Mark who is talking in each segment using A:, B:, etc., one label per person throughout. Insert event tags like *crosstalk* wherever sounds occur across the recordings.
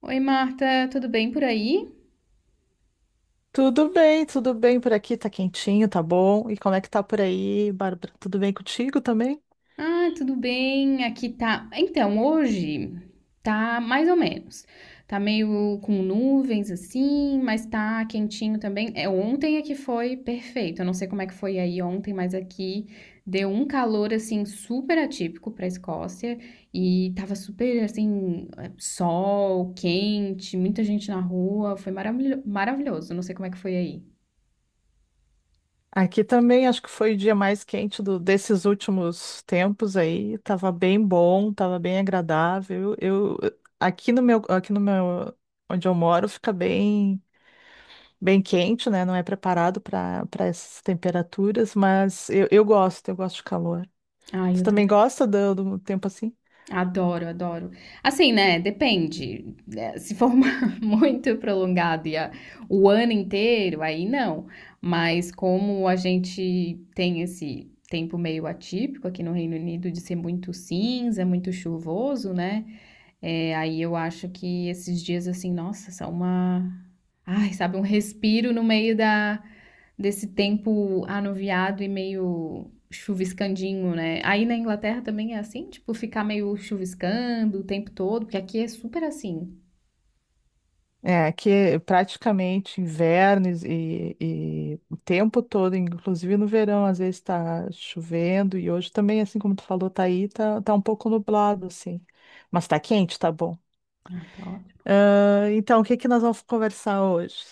A: Oi, Marta, tudo bem por aí?
B: Tudo bem por aqui, tá quentinho, tá bom. E como é que tá por aí, Bárbara? Tudo bem contigo também?
A: Ah, tudo bem, aqui tá. Então, hoje tá mais ou menos. Tá meio com nuvens assim, mas tá quentinho também. É, ontem é que foi perfeito. Eu não sei como é que foi aí ontem, mas aqui deu um calor assim super atípico pra Escócia e tava super assim, sol, quente, muita gente na rua. Foi maravilhoso. Não sei como é que foi aí.
B: Aqui também acho que foi o dia mais quente desses últimos tempos aí. Tava bem bom, tava bem agradável. Eu aqui no meu onde eu moro fica bem bem quente, né? Não é preparado para essas temperaturas, mas eu gosto de calor.
A: Ah,
B: Tu
A: eu
B: também
A: também.
B: gosta do tempo assim?
A: Adoro, adoro. Assim, né? Depende. É, Se for uma- *laughs* muito prolongado o ano inteiro, aí não. Mas como a gente tem esse tempo meio atípico aqui no Reino Unido de ser muito cinza, muito chuvoso, né? É, aí eu acho que esses dias assim, nossa, ai, sabe, um respiro no meio da desse tempo anuviado e meio chuviscandinho, né? Aí na Inglaterra também é assim, tipo, ficar meio chuviscando o tempo todo, porque aqui é super assim.
B: É, que é praticamente inverno e o tempo todo, inclusive no verão, às vezes está chovendo e hoje também, assim como tu falou, tá um pouco nublado, assim. Mas tá quente, tá bom.
A: Ai, tá ótimo.
B: Ah, então, o que que nós vamos conversar hoje?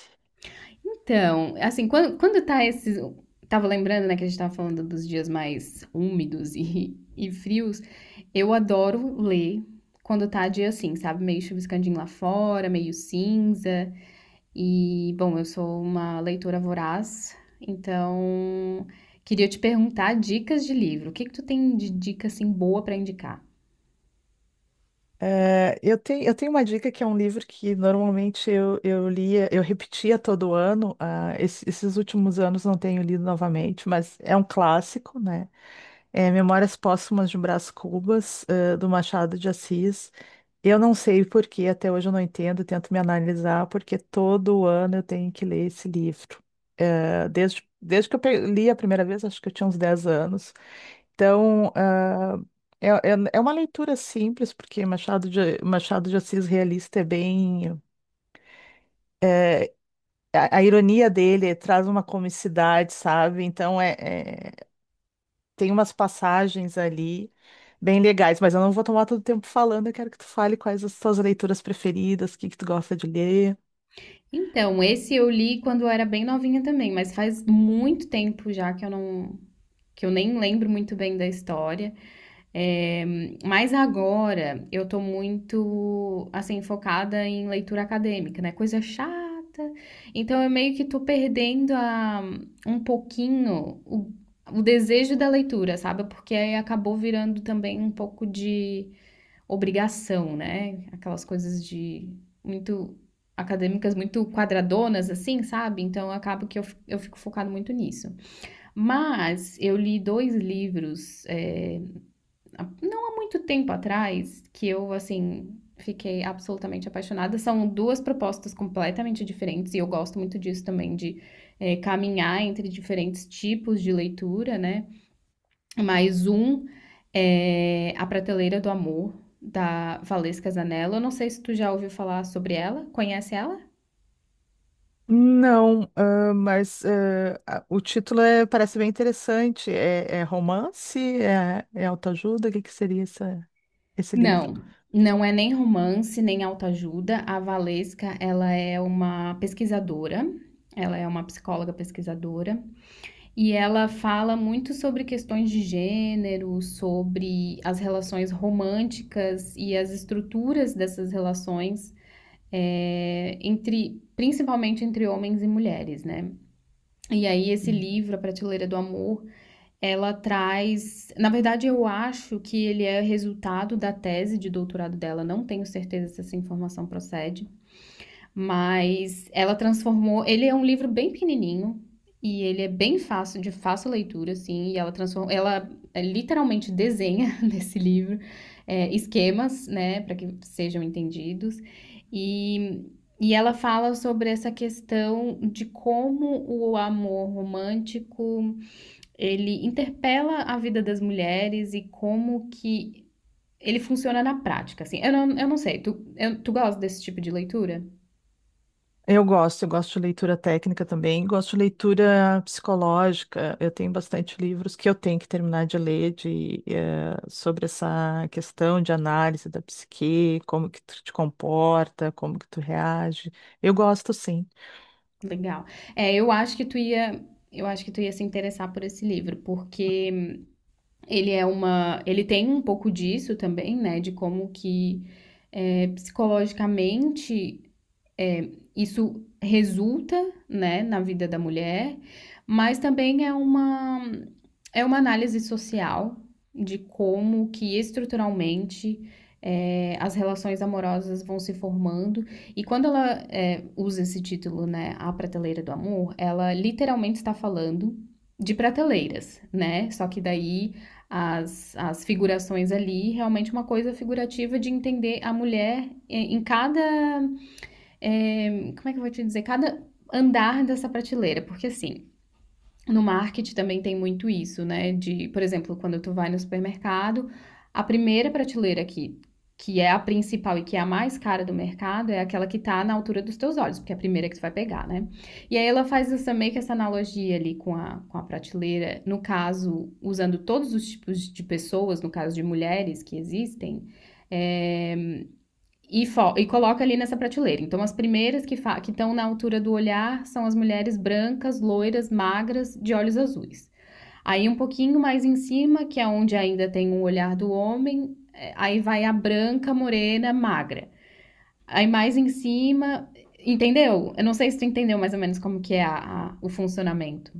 A: Então, assim, quando tá esses. Tava lembrando, né, que a gente tava falando dos dias mais úmidos e frios. Eu adoro ler quando tá dia assim, sabe? Meio chuviscandinho lá fora, meio cinza. E, bom, eu sou uma leitora voraz, então queria te perguntar dicas de livro. O que que tu tem de dica assim boa para indicar?
B: É, eu tenho uma dica que é um livro que normalmente eu lia, eu repetia todo ano. Esses últimos anos não tenho lido novamente, mas é um clássico, né? É Memórias Póstumas de Brás Cubas, do Machado de Assis. Eu não sei por que, até hoje eu não entendo, tento me analisar, porque todo ano eu tenho que ler esse livro. Desde que eu li a primeira vez, acho que eu tinha uns 10 anos. Então, é uma leitura simples, porque Machado de Assis realista é bem. A ironia dele traz uma comicidade, sabe? Então, tem umas passagens ali bem legais, mas eu não vou tomar todo o tempo falando, eu quero que tu fale quais as tuas leituras preferidas, o que que tu gosta de ler.
A: Então, esse eu li quando eu era bem novinha também, mas faz muito tempo já que eu nem lembro muito bem da história. Eh, mas agora eu tô muito, assim, focada em leitura acadêmica, né? Coisa chata. Então eu meio que um pouquinho o desejo da leitura, sabe? Porque aí acabou virando também um pouco de obrigação, né? Aquelas coisas de muito acadêmicas, muito quadradonas, assim, sabe? Então acaba que eu fico focado muito nisso. Mas eu li dois livros. É, não há muito tempo atrás que eu, assim, fiquei absolutamente apaixonada. São duas propostas completamente diferentes e eu gosto muito disso também, de caminhar entre diferentes tipos de leitura, né? Mas um é A Prateleira do Amor, da Valesca Zanello. Eu não sei se tu já ouviu falar sobre ela, conhece ela?
B: Não, mas o título parece bem interessante. É romance? É autoajuda? O que que seria esse livro?
A: Não, não é nem romance, nem autoajuda. A Valesca, ela é uma pesquisadora, ela é uma psicóloga pesquisadora. E ela fala muito sobre questões de gênero, sobre as relações românticas e as estruturas dessas relações, é, entre, principalmente entre homens e mulheres, né? E aí esse livro, A Prateleira do Amor, ela traz, na verdade eu acho que ele é resultado da tese de doutorado dela, não tenho certeza se essa informação procede, mas ela transformou. Ele é um livro bem pequenininho e ele é bem fácil, de fácil leitura, assim. E ela transforma, ela é, literalmente desenha *laughs* nesse livro é, esquemas, né, para que sejam entendidos. E, e ela fala sobre essa questão de como o amor romântico ele interpela a vida das mulheres e como que ele funciona na prática, assim. Eu não sei, tu gosta desse tipo de leitura?
B: Eu gosto de leitura técnica também, gosto de leitura psicológica. Eu tenho bastante livros que eu tenho que terminar de ler sobre essa questão de análise da psique, como que tu te comporta, como que tu reage. Eu gosto, sim.
A: Legal. É, eu acho que tu ia, eu acho que tu ia se interessar por esse livro, porque ele é uma, ele tem um pouco disso também, né, de como que é, psicologicamente isso resulta, né, na vida da mulher, mas também é uma análise social de como que estruturalmente é, as relações amorosas vão se formando. E quando ela é, usa esse título, né, A Prateleira do Amor, ela literalmente está falando de prateleiras, né? Só que daí as figurações ali, realmente uma coisa figurativa de entender a mulher em cada eh, como é que eu vou te dizer? Cada andar dessa prateleira, porque assim, no marketing também tem muito isso, né? De, por exemplo, quando tu vai no supermercado, a primeira prateleira que é a principal e que é a mais cara do mercado é aquela que tá na altura dos teus olhos, porque é a primeira que tu vai pegar, né? E aí ela faz essa, meio que essa analogia ali com a prateleira, no caso, usando todos os tipos de pessoas, no caso de mulheres que existem, é, e, e coloca ali nessa prateleira. Então, as primeiras que estão na altura do olhar são as mulheres brancas, loiras, magras, de olhos azuis. Aí, um pouquinho mais em cima, que é onde ainda tem um olhar do homem, é, aí vai a branca, morena, magra. Aí, mais em cima, entendeu? Eu não sei se tu entendeu mais ou menos como que o funcionamento.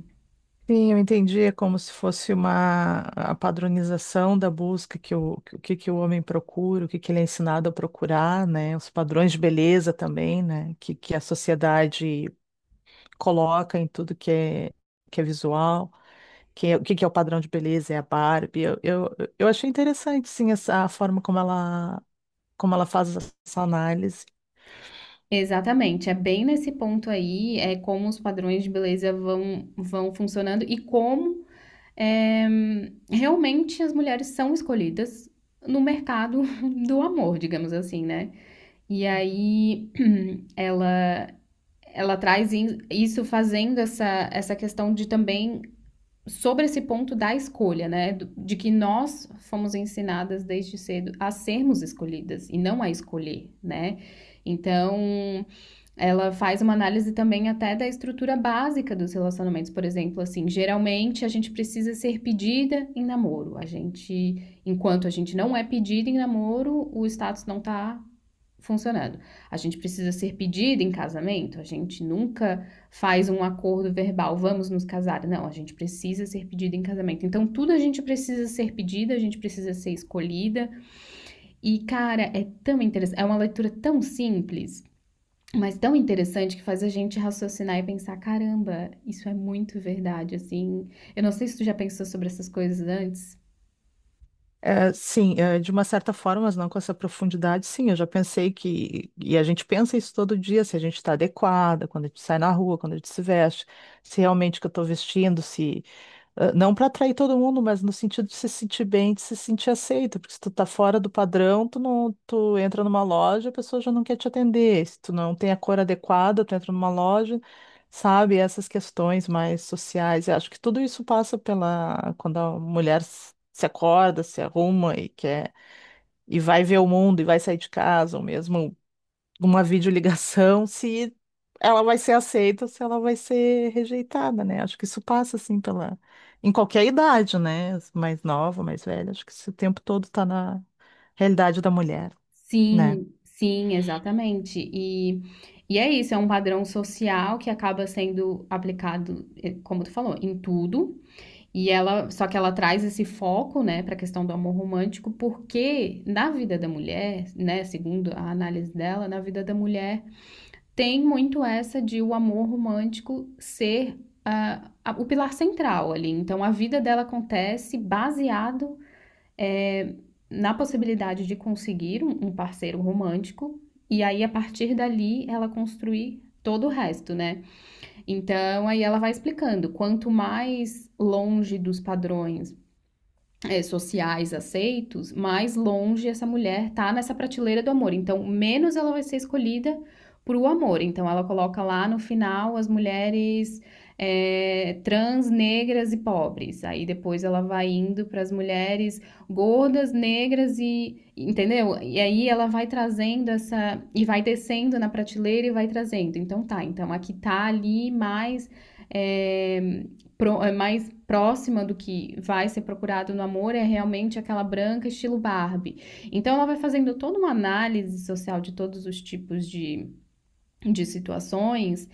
B: Sim, eu entendi, é como se fosse uma a padronização da busca o que que o homem procura, o que ele é ensinado a procurar, né? Os padrões de beleza também, né? Que a sociedade coloca em tudo que é visual, o que que é o padrão de beleza, é a Barbie. Eu achei interessante, sim, a forma como ela faz essa análise.
A: Exatamente, é bem nesse ponto aí, é como os padrões de beleza vão funcionando e como é, realmente as mulheres são escolhidas no mercado *laughs* do amor, digamos assim, né? E aí *clears throat* ela ela traz isso fazendo essa questão de também sobre esse ponto da escolha, né? De que nós fomos ensinadas desde cedo a sermos escolhidas e não a escolher, né? Então, ela faz uma análise também até da estrutura básica dos relacionamentos, por exemplo, assim, geralmente a gente precisa ser pedida em namoro. A gente, enquanto a gente não é pedida em namoro, o status não tá funcionando. A gente precisa ser pedida em casamento, a gente nunca faz um acordo verbal, vamos nos casar. Não, a gente precisa ser pedida em casamento. Então, tudo a gente precisa ser pedida, a gente precisa ser escolhida. E, cara, é tão interessante, é uma leitura tão simples, mas tão interessante que faz a gente raciocinar e pensar, caramba, isso é muito verdade, assim. Eu não sei se tu já pensou sobre essas coisas antes.
B: É, sim, é, de uma certa forma, mas não com essa profundidade, sim, eu já pensei e a gente pensa isso todo dia, se a gente está adequada, quando a gente sai na rua, quando a gente se veste, se realmente o que eu estou vestindo, se Não para atrair todo mundo, mas no sentido de se sentir bem, de se sentir aceito, porque se tu tá fora do padrão, tu não, tu entra numa loja, a pessoa já não quer te atender. Se tu não tem a cor adequada, tu entra numa loja, sabe? Essas questões mais sociais. Eu acho que tudo isso passa pela quando a mulher se acorda, se arruma e quer e vai ver o mundo e vai sair de casa, ou mesmo uma videoligação, se ela vai ser aceita ou se ela vai ser rejeitada, né? Acho que isso passa assim pela em qualquer idade, né? Mais nova, mais velha, acho que isso o tempo todo tá na realidade da mulher, né?
A: Sim, sim, exatamente. E é isso, é um padrão social que acaba sendo aplicado, como tu falou, em tudo. E ela, só que ela traz esse foco, né, para a questão do amor romântico, porque na vida da mulher, né, segundo a análise dela, na vida da mulher tem muito essa de o amor romântico ser ah, o pilar central ali. Então, a vida dela acontece baseado eh, na possibilidade de conseguir um parceiro romântico e aí, a partir dali, ela construir todo o resto, né? Então, aí ela vai explicando, quanto mais longe dos padrões é, sociais aceitos, mais longe essa mulher tá nessa prateleira do amor. Então, menos ela vai ser escolhida pro amor. Então, ela coloca lá no final as mulheres é, trans, negras e pobres. Aí depois ela vai indo para as mulheres gordas, negras e. Entendeu? E aí ela vai trazendo essa. E vai descendo na prateleira e vai trazendo. Então tá, então aqui tá ali mais. É, é mais próxima do que vai ser procurado no amor é realmente aquela branca estilo Barbie. Então ela vai fazendo toda uma análise social de todos os tipos de situações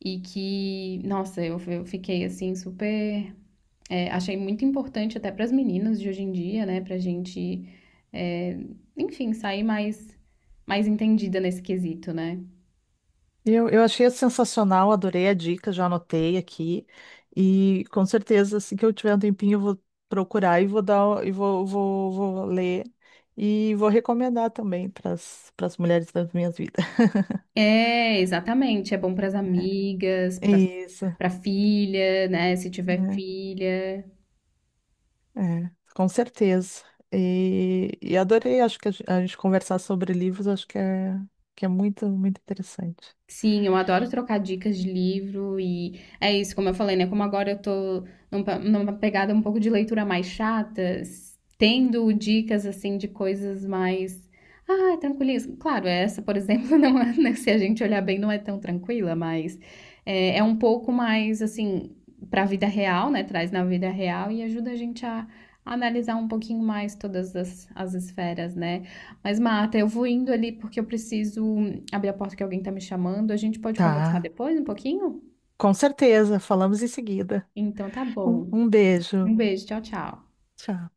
A: e que, nossa, eu fiquei assim super, é, achei muito importante até para as meninas de hoje em dia, né, pra gente, é, enfim, sair mais mais entendida nesse quesito, né?
B: Eu achei sensacional, adorei a dica, já anotei aqui e com certeza assim que eu tiver um tempinho eu vou procurar e vou ler e vou recomendar também para as mulheres das minhas vidas.
A: É, exatamente. É bom para as amigas,
B: *laughs* Isso.
A: para filha, né, se tiver
B: Né?
A: filha.
B: É, com certeza. E adorei, acho que a gente conversar sobre livros, acho que é muito, muito interessante.
A: Sim, eu adoro trocar dicas de livro e é isso, como eu falei, né? Como agora eu tô numa pegada um pouco de leitura mais chata, tendo dicas assim de coisas mais. Ah, tranquilismo. Claro, essa, por exemplo, *laughs* não é, né, se a gente olhar bem, não é tão tranquila, mas é, é um pouco mais assim para a vida real, né? Traz na vida real e ajuda a gente a analisar um pouquinho mais todas as, as esferas, né? Mas, Marta, eu vou indo ali porque eu preciso abrir a porta que alguém tá me chamando. A gente pode conversar
B: Tá,
A: depois um pouquinho?
B: com certeza. Falamos em seguida.
A: Então tá
B: Um,
A: bom.
B: um
A: Um
B: beijo.
A: beijo, tchau, tchau.
B: Tchau.